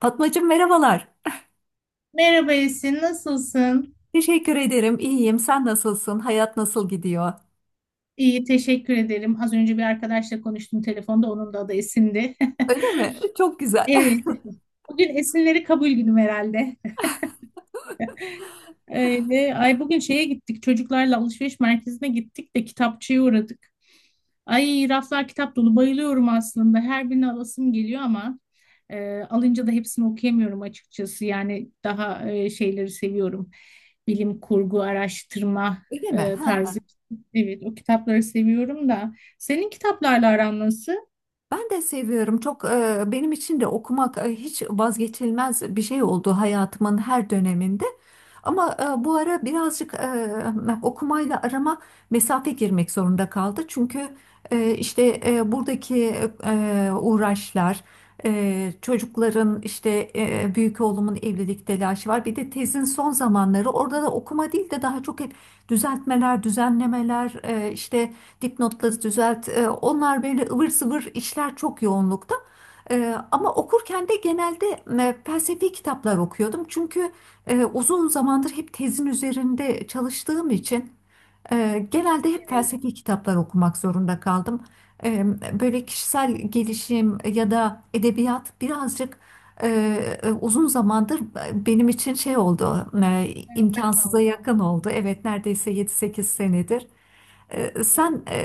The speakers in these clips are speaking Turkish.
Fatmacığım merhabalar. Merhaba Esin, nasılsın? Teşekkür ederim. İyiyim. Sen nasılsın? Hayat nasıl gidiyor? İyi, teşekkür ederim. Az önce bir arkadaşla konuştum telefonda, onun da adı Esin'di. Öyle mi? Çok güzel. Evet, bugün Esinleri kabul günüm herhalde. Öyle. Ay bugün şeye gittik, çocuklarla alışveriş merkezine gittik de kitapçıya uğradık. Ay raflar kitap dolu bayılıyorum aslında. Her birini alasım geliyor ama alınca da hepsini okuyamıyorum açıkçası. Yani daha şeyleri seviyorum. Bilim kurgu, araştırma Öyle mi? Ha, tarzı. Evet, o kitapları seviyorum da. Senin kitaplarla aran nasıl? ben de seviyorum. Çok benim için de okumak hiç vazgeçilmez bir şey oldu hayatımın her döneminde. Ama bu ara birazcık okumayla arama mesafe girmek zorunda kaldı. Çünkü işte buradaki uğraşlar, çocukların işte büyük oğlumun evlilik telaşı var. Bir de tezin son zamanları orada da okuma değil de daha çok hep düzeltmeler, düzenlemeler, işte dipnotları düzelt. Onlar böyle ıvır zıvır işler çok yoğunlukta. Ama okurken de genelde felsefi kitaplar okuyordum. Çünkü uzun zamandır hep tezin üzerinde çalıştığım için genelde hep felsefi kitaplar okumak zorunda kaldım. E, Böyle kişisel gelişim ya da edebiyat birazcık e, uzun zamandır benim için şey oldu, Hayatta imkansıza kaldı. yakın oldu. Evet, neredeyse yedi sekiz senedir. Sen Evet. e,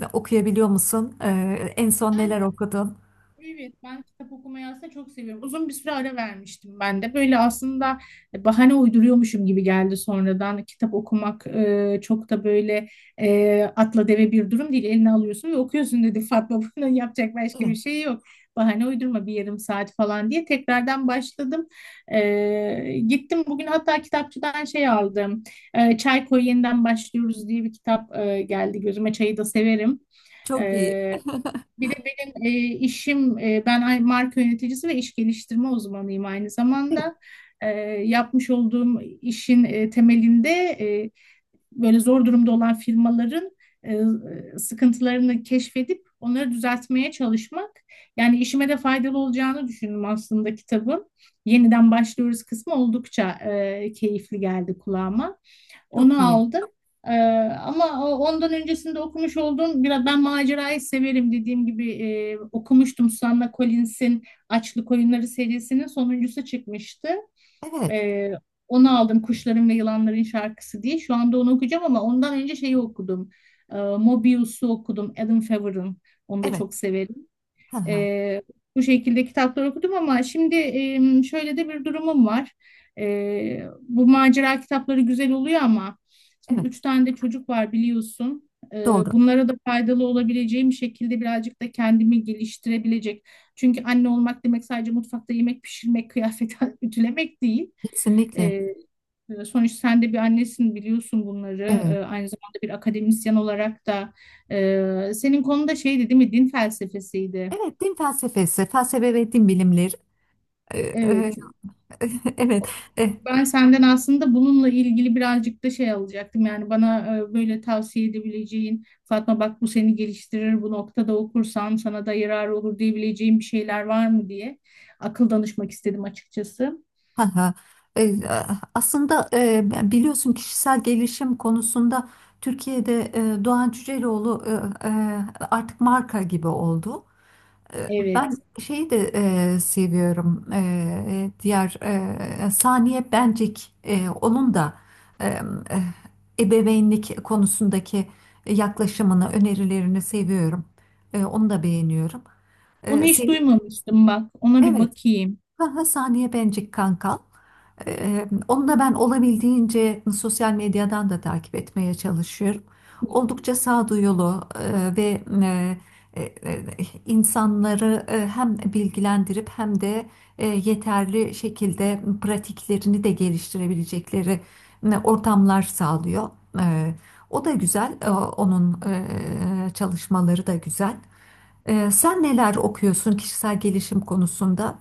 e, okuyabiliyor musun? En son Yani neler okudun? Evet, ben kitap okumayı aslında çok seviyorum. Uzun bir süre ara vermiştim ben de. Böyle aslında bahane uyduruyormuşum gibi geldi sonradan. Kitap okumak çok da böyle atla deve bir durum değil. Eline alıyorsun ve okuyorsun dedi Fatma. Bunun yapacak başka bir Evet, şey yok. Bahane uydurma bir yarım saat falan diye tekrardan başladım. Gittim bugün hatta kitapçıdan şey aldım. E, Çay Koy Yeniden Başlıyoruz diye bir kitap geldi gözüme. Çayı da severim. çok iyi, E, Bir de benim işim, e, ben ay- marka yöneticisi ve iş geliştirme uzmanıyım aynı evet, zamanda. E, Yapmış olduğum işin temelinde e, böyle zor durumda olan firmaların e, sıkıntılarını keşfedip onları düzeltmeye çalışmak. Yani işime de faydalı olacağını düşündüm aslında kitabın. Yeniden başlıyoruz kısmı oldukça keyifli geldi kulağıma. çok Onu iyi, aldım. E, Ama ondan öncesinde okumuş olduğum biraz ben macerayı severim dediğim gibi okumuştum Susanna Collins'in Açlık Oyunları serisinin sonuncusu çıkmıştı. evet, Ee, Onu aldım Kuşların ve Yılanların Şarkısı diye. Şu anda onu okuyacağım ama ondan önce şeyi okudum. Mobius'u okudum. Adam Favre'ın. Onu da evet, çok severim. hı hı, E, Bu şekilde kitaplar okudum ama şimdi şöyle de bir durumum var. Bu macera kitapları güzel oluyor ama şimdi evet, üç tane de çocuk var biliyorsun. Doğru, Bunlara da faydalı olabileceğim şekilde birazcık da kendimi geliştirebilecek. Çünkü anne olmak demek sadece mutfakta yemek pişirmek, kıyafet ütülemek değil. E, kesinlikle, Sonuçta sen de bir annesin biliyorsun bunları. Evet. Aynı zamanda bir akademisyen olarak da senin konuda şeydi değil mi? Din felsefesiydi. Evet, din felsefesi, felsefe ve din bilimleri. Ee, e, Evet. evet, e, Ben senden aslında bununla ilgili birazcık da şey alacaktım. Yani bana böyle tavsiye edebileceğin, Fatma bak bu seni geliştirir, bu noktada okursan sana da yarar olur diyebileceğin bir şeyler var mı diye akıl danışmak istedim açıkçası. ha ha. E, Aslında biliyorsun kişisel gelişim konusunda Türkiye'de Doğan Cüceloğlu e, e, artık marka gibi oldu. Ben Evet. şeyi de seviyorum. Diğer Saniye Bencik, onun da e, e, ebeveynlik konusundaki yaklaşımını, önerilerini seviyorum. Onu da beğeniyorum. Onu hiç Senin duymamıştım bak. Ona bir evet. bakayım. Aha, Saniye Bencik kanka. Onu da ben olabildiğince sosyal medyadan da takip etmeye çalışıyorum. Oldukça sağduyulu ve e, e, insanları hem bilgilendirip hem de yeterli şekilde pratiklerini de geliştirebilecekleri ortamlar sağlıyor. E, O da güzel, onun çalışmaları da güzel. Sen neler okuyorsun kişisel gelişim konusunda?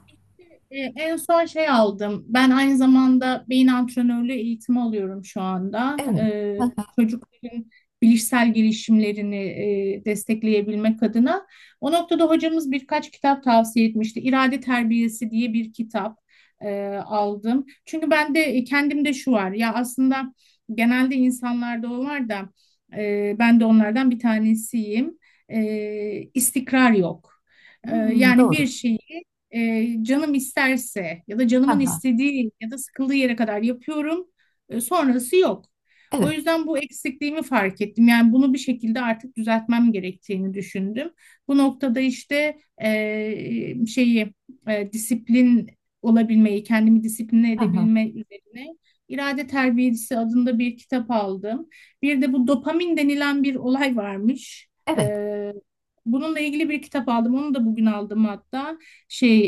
En son şey aldım. Ben aynı zamanda beyin antrenörlüğü eğitimi alıyorum şu anda. Evet. Çocukların bilişsel gelişimlerini destekleyebilmek adına. O noktada hocamız birkaç kitap tavsiye etmişti. İrade Terbiyesi diye bir kitap aldım. Çünkü ben de kendimde şu var. Ya aslında genelde insanlarda o var da ben de onlardan bir tanesiyim. E, istikrar yok. Hmm, Yani bir doğru. şeyi canım isterse ya da Ha, canımın ha. istediği ya da sıkıldığı yere kadar yapıyorum. Sonrası yok. O Evet. yüzden bu eksikliğimi fark ettim. Yani bunu bir şekilde artık düzeltmem gerektiğini düşündüm. Bu noktada işte şeyi disiplin olabilmeyi, kendimi disipline Hı hı. edebilme üzerine irade terbiyesi adında bir kitap aldım. Bir de bu dopamin denilen bir olay varmış. E, Evet. Bununla ilgili bir kitap aldım. Onu da bugün aldım hatta şey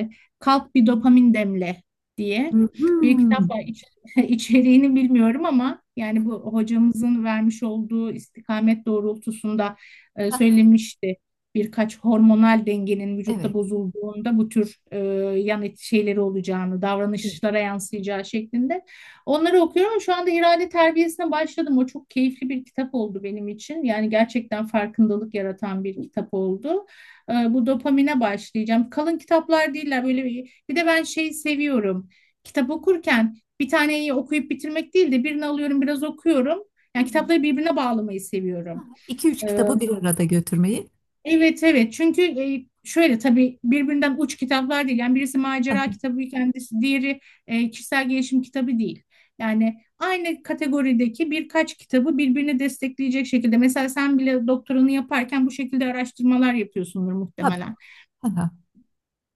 e, kalk bir dopamin demle diye bir Hmm. kitap var. İç- içeriğini bilmiyorum ama yani bu hocamızın vermiş olduğu istikamet doğrultusunda Hı hı. söylemişti. Birkaç hormonal dengenin vücutta Evet. bozulduğunda bu tür yan et şeyleri olacağını, davranışlara yansıyacağı şeklinde. Onları okuyorum. Şu anda irade terbiyesine başladım. O çok keyifli bir kitap oldu benim için. Yani gerçekten farkındalık yaratan bir kitap oldu bu dopamine başlayacağım. Kalın kitaplar değiller böyle bir, bir de ben şeyi seviyorum. Kitap okurken bir taneyi okuyup bitirmek değil de birini alıyorum biraz okuyorum. Hı Yani hı. kitapları birbirine bağlamayı seviyorum. İki üç E, kitabı bir arada götürmeyi. Evet evet çünkü şöyle tabii birbirinden uç kitaplar değil. Yani birisi Hı macera hı. kitabı kendisi diğeri kişisel gelişim kitabı değil. Yani aynı kategorideki birkaç kitabı birbirini destekleyecek şekilde. Mesela sen bile doktoranı yaparken bu şekilde araştırmalar yapıyorsundur Tabii. muhtemelen. Hı hı.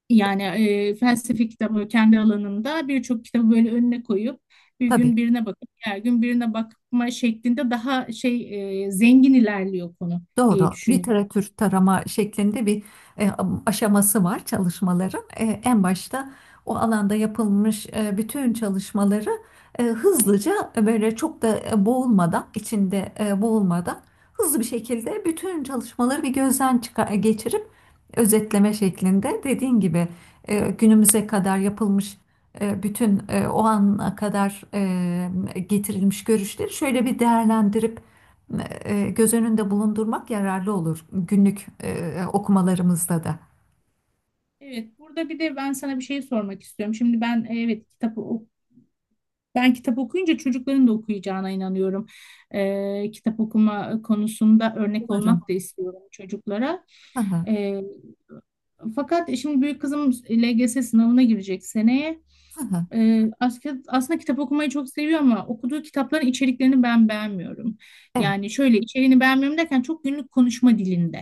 Yani felsefe kitabı kendi alanımda birçok kitabı böyle önüne koyup bir Tabii. gün birine bakıp diğer gün birine bakma şeklinde daha şey zengin ilerliyor konu Doğru. diye düşünüyorum. Literatür tarama şeklinde bir e, aşaması var çalışmaların. En başta o alanda yapılmış bütün çalışmaları hızlıca böyle çok da boğulmadan, içinde boğulmadan hızlı bir şekilde bütün çalışmaları bir gözden çıkar, geçirip özetleme şeklinde dediğin gibi günümüze kadar yapılmış bütün o ana kadar getirilmiş görüşleri şöyle bir değerlendirip göz önünde bulundurmak yararlı olur günlük okumalarımızda da. Evet, burada bir de ben sana bir şey sormak istiyorum. Şimdi ben e, evet kitabı ok- ben kitap okuyunca çocukların da okuyacağına inanıyorum. Kitap okuma konusunda örnek Umarım. olmak da istiyorum çocuklara. Hı hı, E, Fakat şimdi büyük kızım LGS sınavına girecek seneye. hı hı. Aslında kitap okumayı çok seviyor ama okuduğu kitapların içeriklerini ben beğenmiyorum. Evet. Yani şöyle içeriğini beğenmiyorum derken çok günlük konuşma dilinde.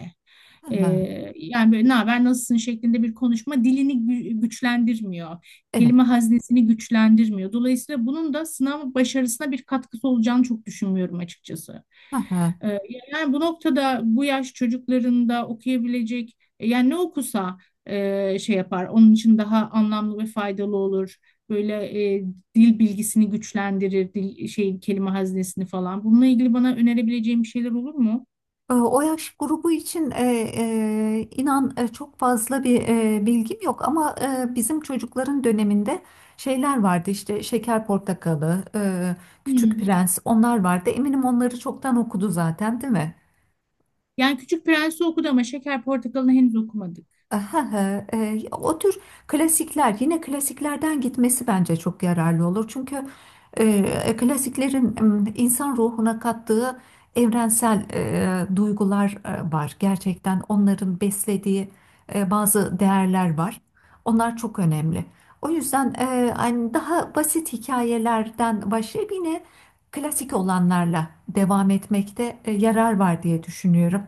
Hı Ee, hı, Yani böyle ne haber nasılsın şeklinde bir konuşma dilini gü- güçlendirmiyor. evet. Kelime haznesini güçlendirmiyor. Dolayısıyla bunun da sınav başarısına bir katkısı olacağını çok düşünmüyorum açıkçası. Hı hı. Ee, Yani bu noktada bu yaş çocuklarında okuyabilecek yani ne okusa şey yapar. Onun için daha anlamlı ve faydalı olur. Böyle e, dil bilgisini güçlendirir, dil şey kelime haznesini falan. Bununla ilgili bana önerebileceğim bir şeyler olur mu? O yaş grubu için inan çok fazla bir bilgim yok ama bizim çocukların döneminde şeyler vardı işte Şeker Portakalı, Küçük Hmm. Prens onlar vardı. Eminim onları çoktan okudu zaten değil mi? Yani Küçük Prens'i okudu ama Şeker Portakalı'nı henüz okumadık. Aha, o tür klasikler yine klasiklerden gitmesi bence çok yararlı olur. Çünkü e, klasiklerin insan ruhuna kattığı evrensel duygular var. Gerçekten onların beslediği bazı değerler var. Onlar çok önemli. O yüzden hani daha basit hikayelerden başlayıp yine klasik olanlarla devam etmekte yarar var diye düşünüyorum.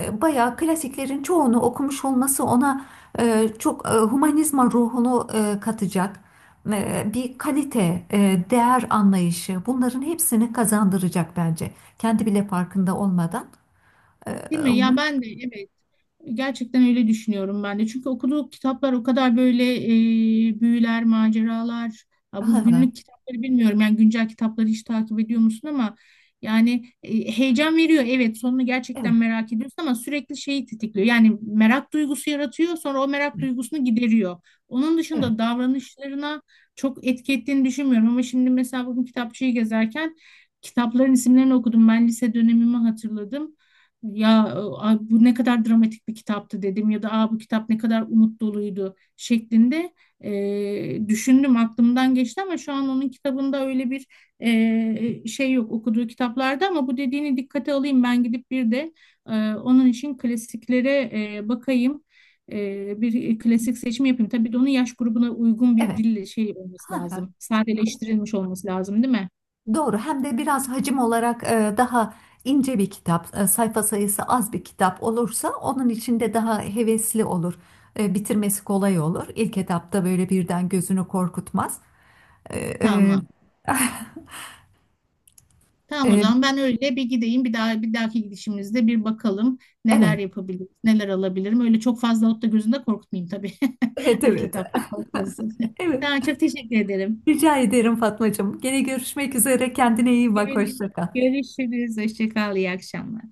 Bayağı klasiklerin çoğunu okumuş olması ona çok humanizma ruhunu katacak bir kalite, değer anlayışı bunların hepsini kazandıracak bence. Kendi bile farkında olmadan. E, Değil mi? Ya bu- ben de evet. Gerçekten öyle düşünüyorum ben de. Çünkü okuduğu kitaplar o kadar böyle büyüler, maceralar. Hı Ha, bu hı. günlük kitapları bilmiyorum. Yani güncel kitapları hiç takip ediyor musun ama yani heyecan veriyor. Evet, sonunu gerçekten Evet, merak ediyorsun ama sürekli şeyi tetikliyor. Yani merak duygusu yaratıyor, sonra o merak duygusunu gideriyor. Onun evet, dışında davranışlarına çok etki ettiğini düşünmüyorum. Ama şimdi mesela bugün kitapçıyı gezerken kitapların isimlerini okudum. Ben lise dönemimi hatırladım ya "Aa, bu ne kadar dramatik bir kitaptı" dedim ya da "Aa, bu kitap ne kadar umut doluydu" şeklinde düşündüm aklımdan geçti ama şu an onun kitabında öyle bir şey yok okuduğu kitaplarda ama bu dediğini dikkate alayım ben gidip bir de onun için klasiklere bakayım. Bir klasik seçimi yapayım. Tabii de onun yaş grubuna uygun bir evet. dille şey olması Hı hı. lazım. Sadeleştirilmiş olması lazım, değil mi? Doğru. Hem de biraz hacim olarak daha ince bir kitap, sayfa sayısı az bir kitap olursa onun içinde daha hevesli olur. Bitirmesi kolay olur. İlk etapta böyle birden gözünü korkutmaz. Ee, e, Tamam. Tamam o e, zaman ben öyle bir gideyim. Bir daha bir dahaki gidişimizde bir bakalım neler evet, yapabilirim, neler alabilirim. Öyle çok fazla alıp da gözünde korkutmayayım tabii. evet, İlk evet, etapta korkmasın. evet. Tamam çok teşekkür ederim. Rica ederim Fatmacığım. Gene görüşmek üzere. Kendine iyi bak. Görüş- Hoşça kal. Görüşürüz. Hoşça kal. İyi akşamlar.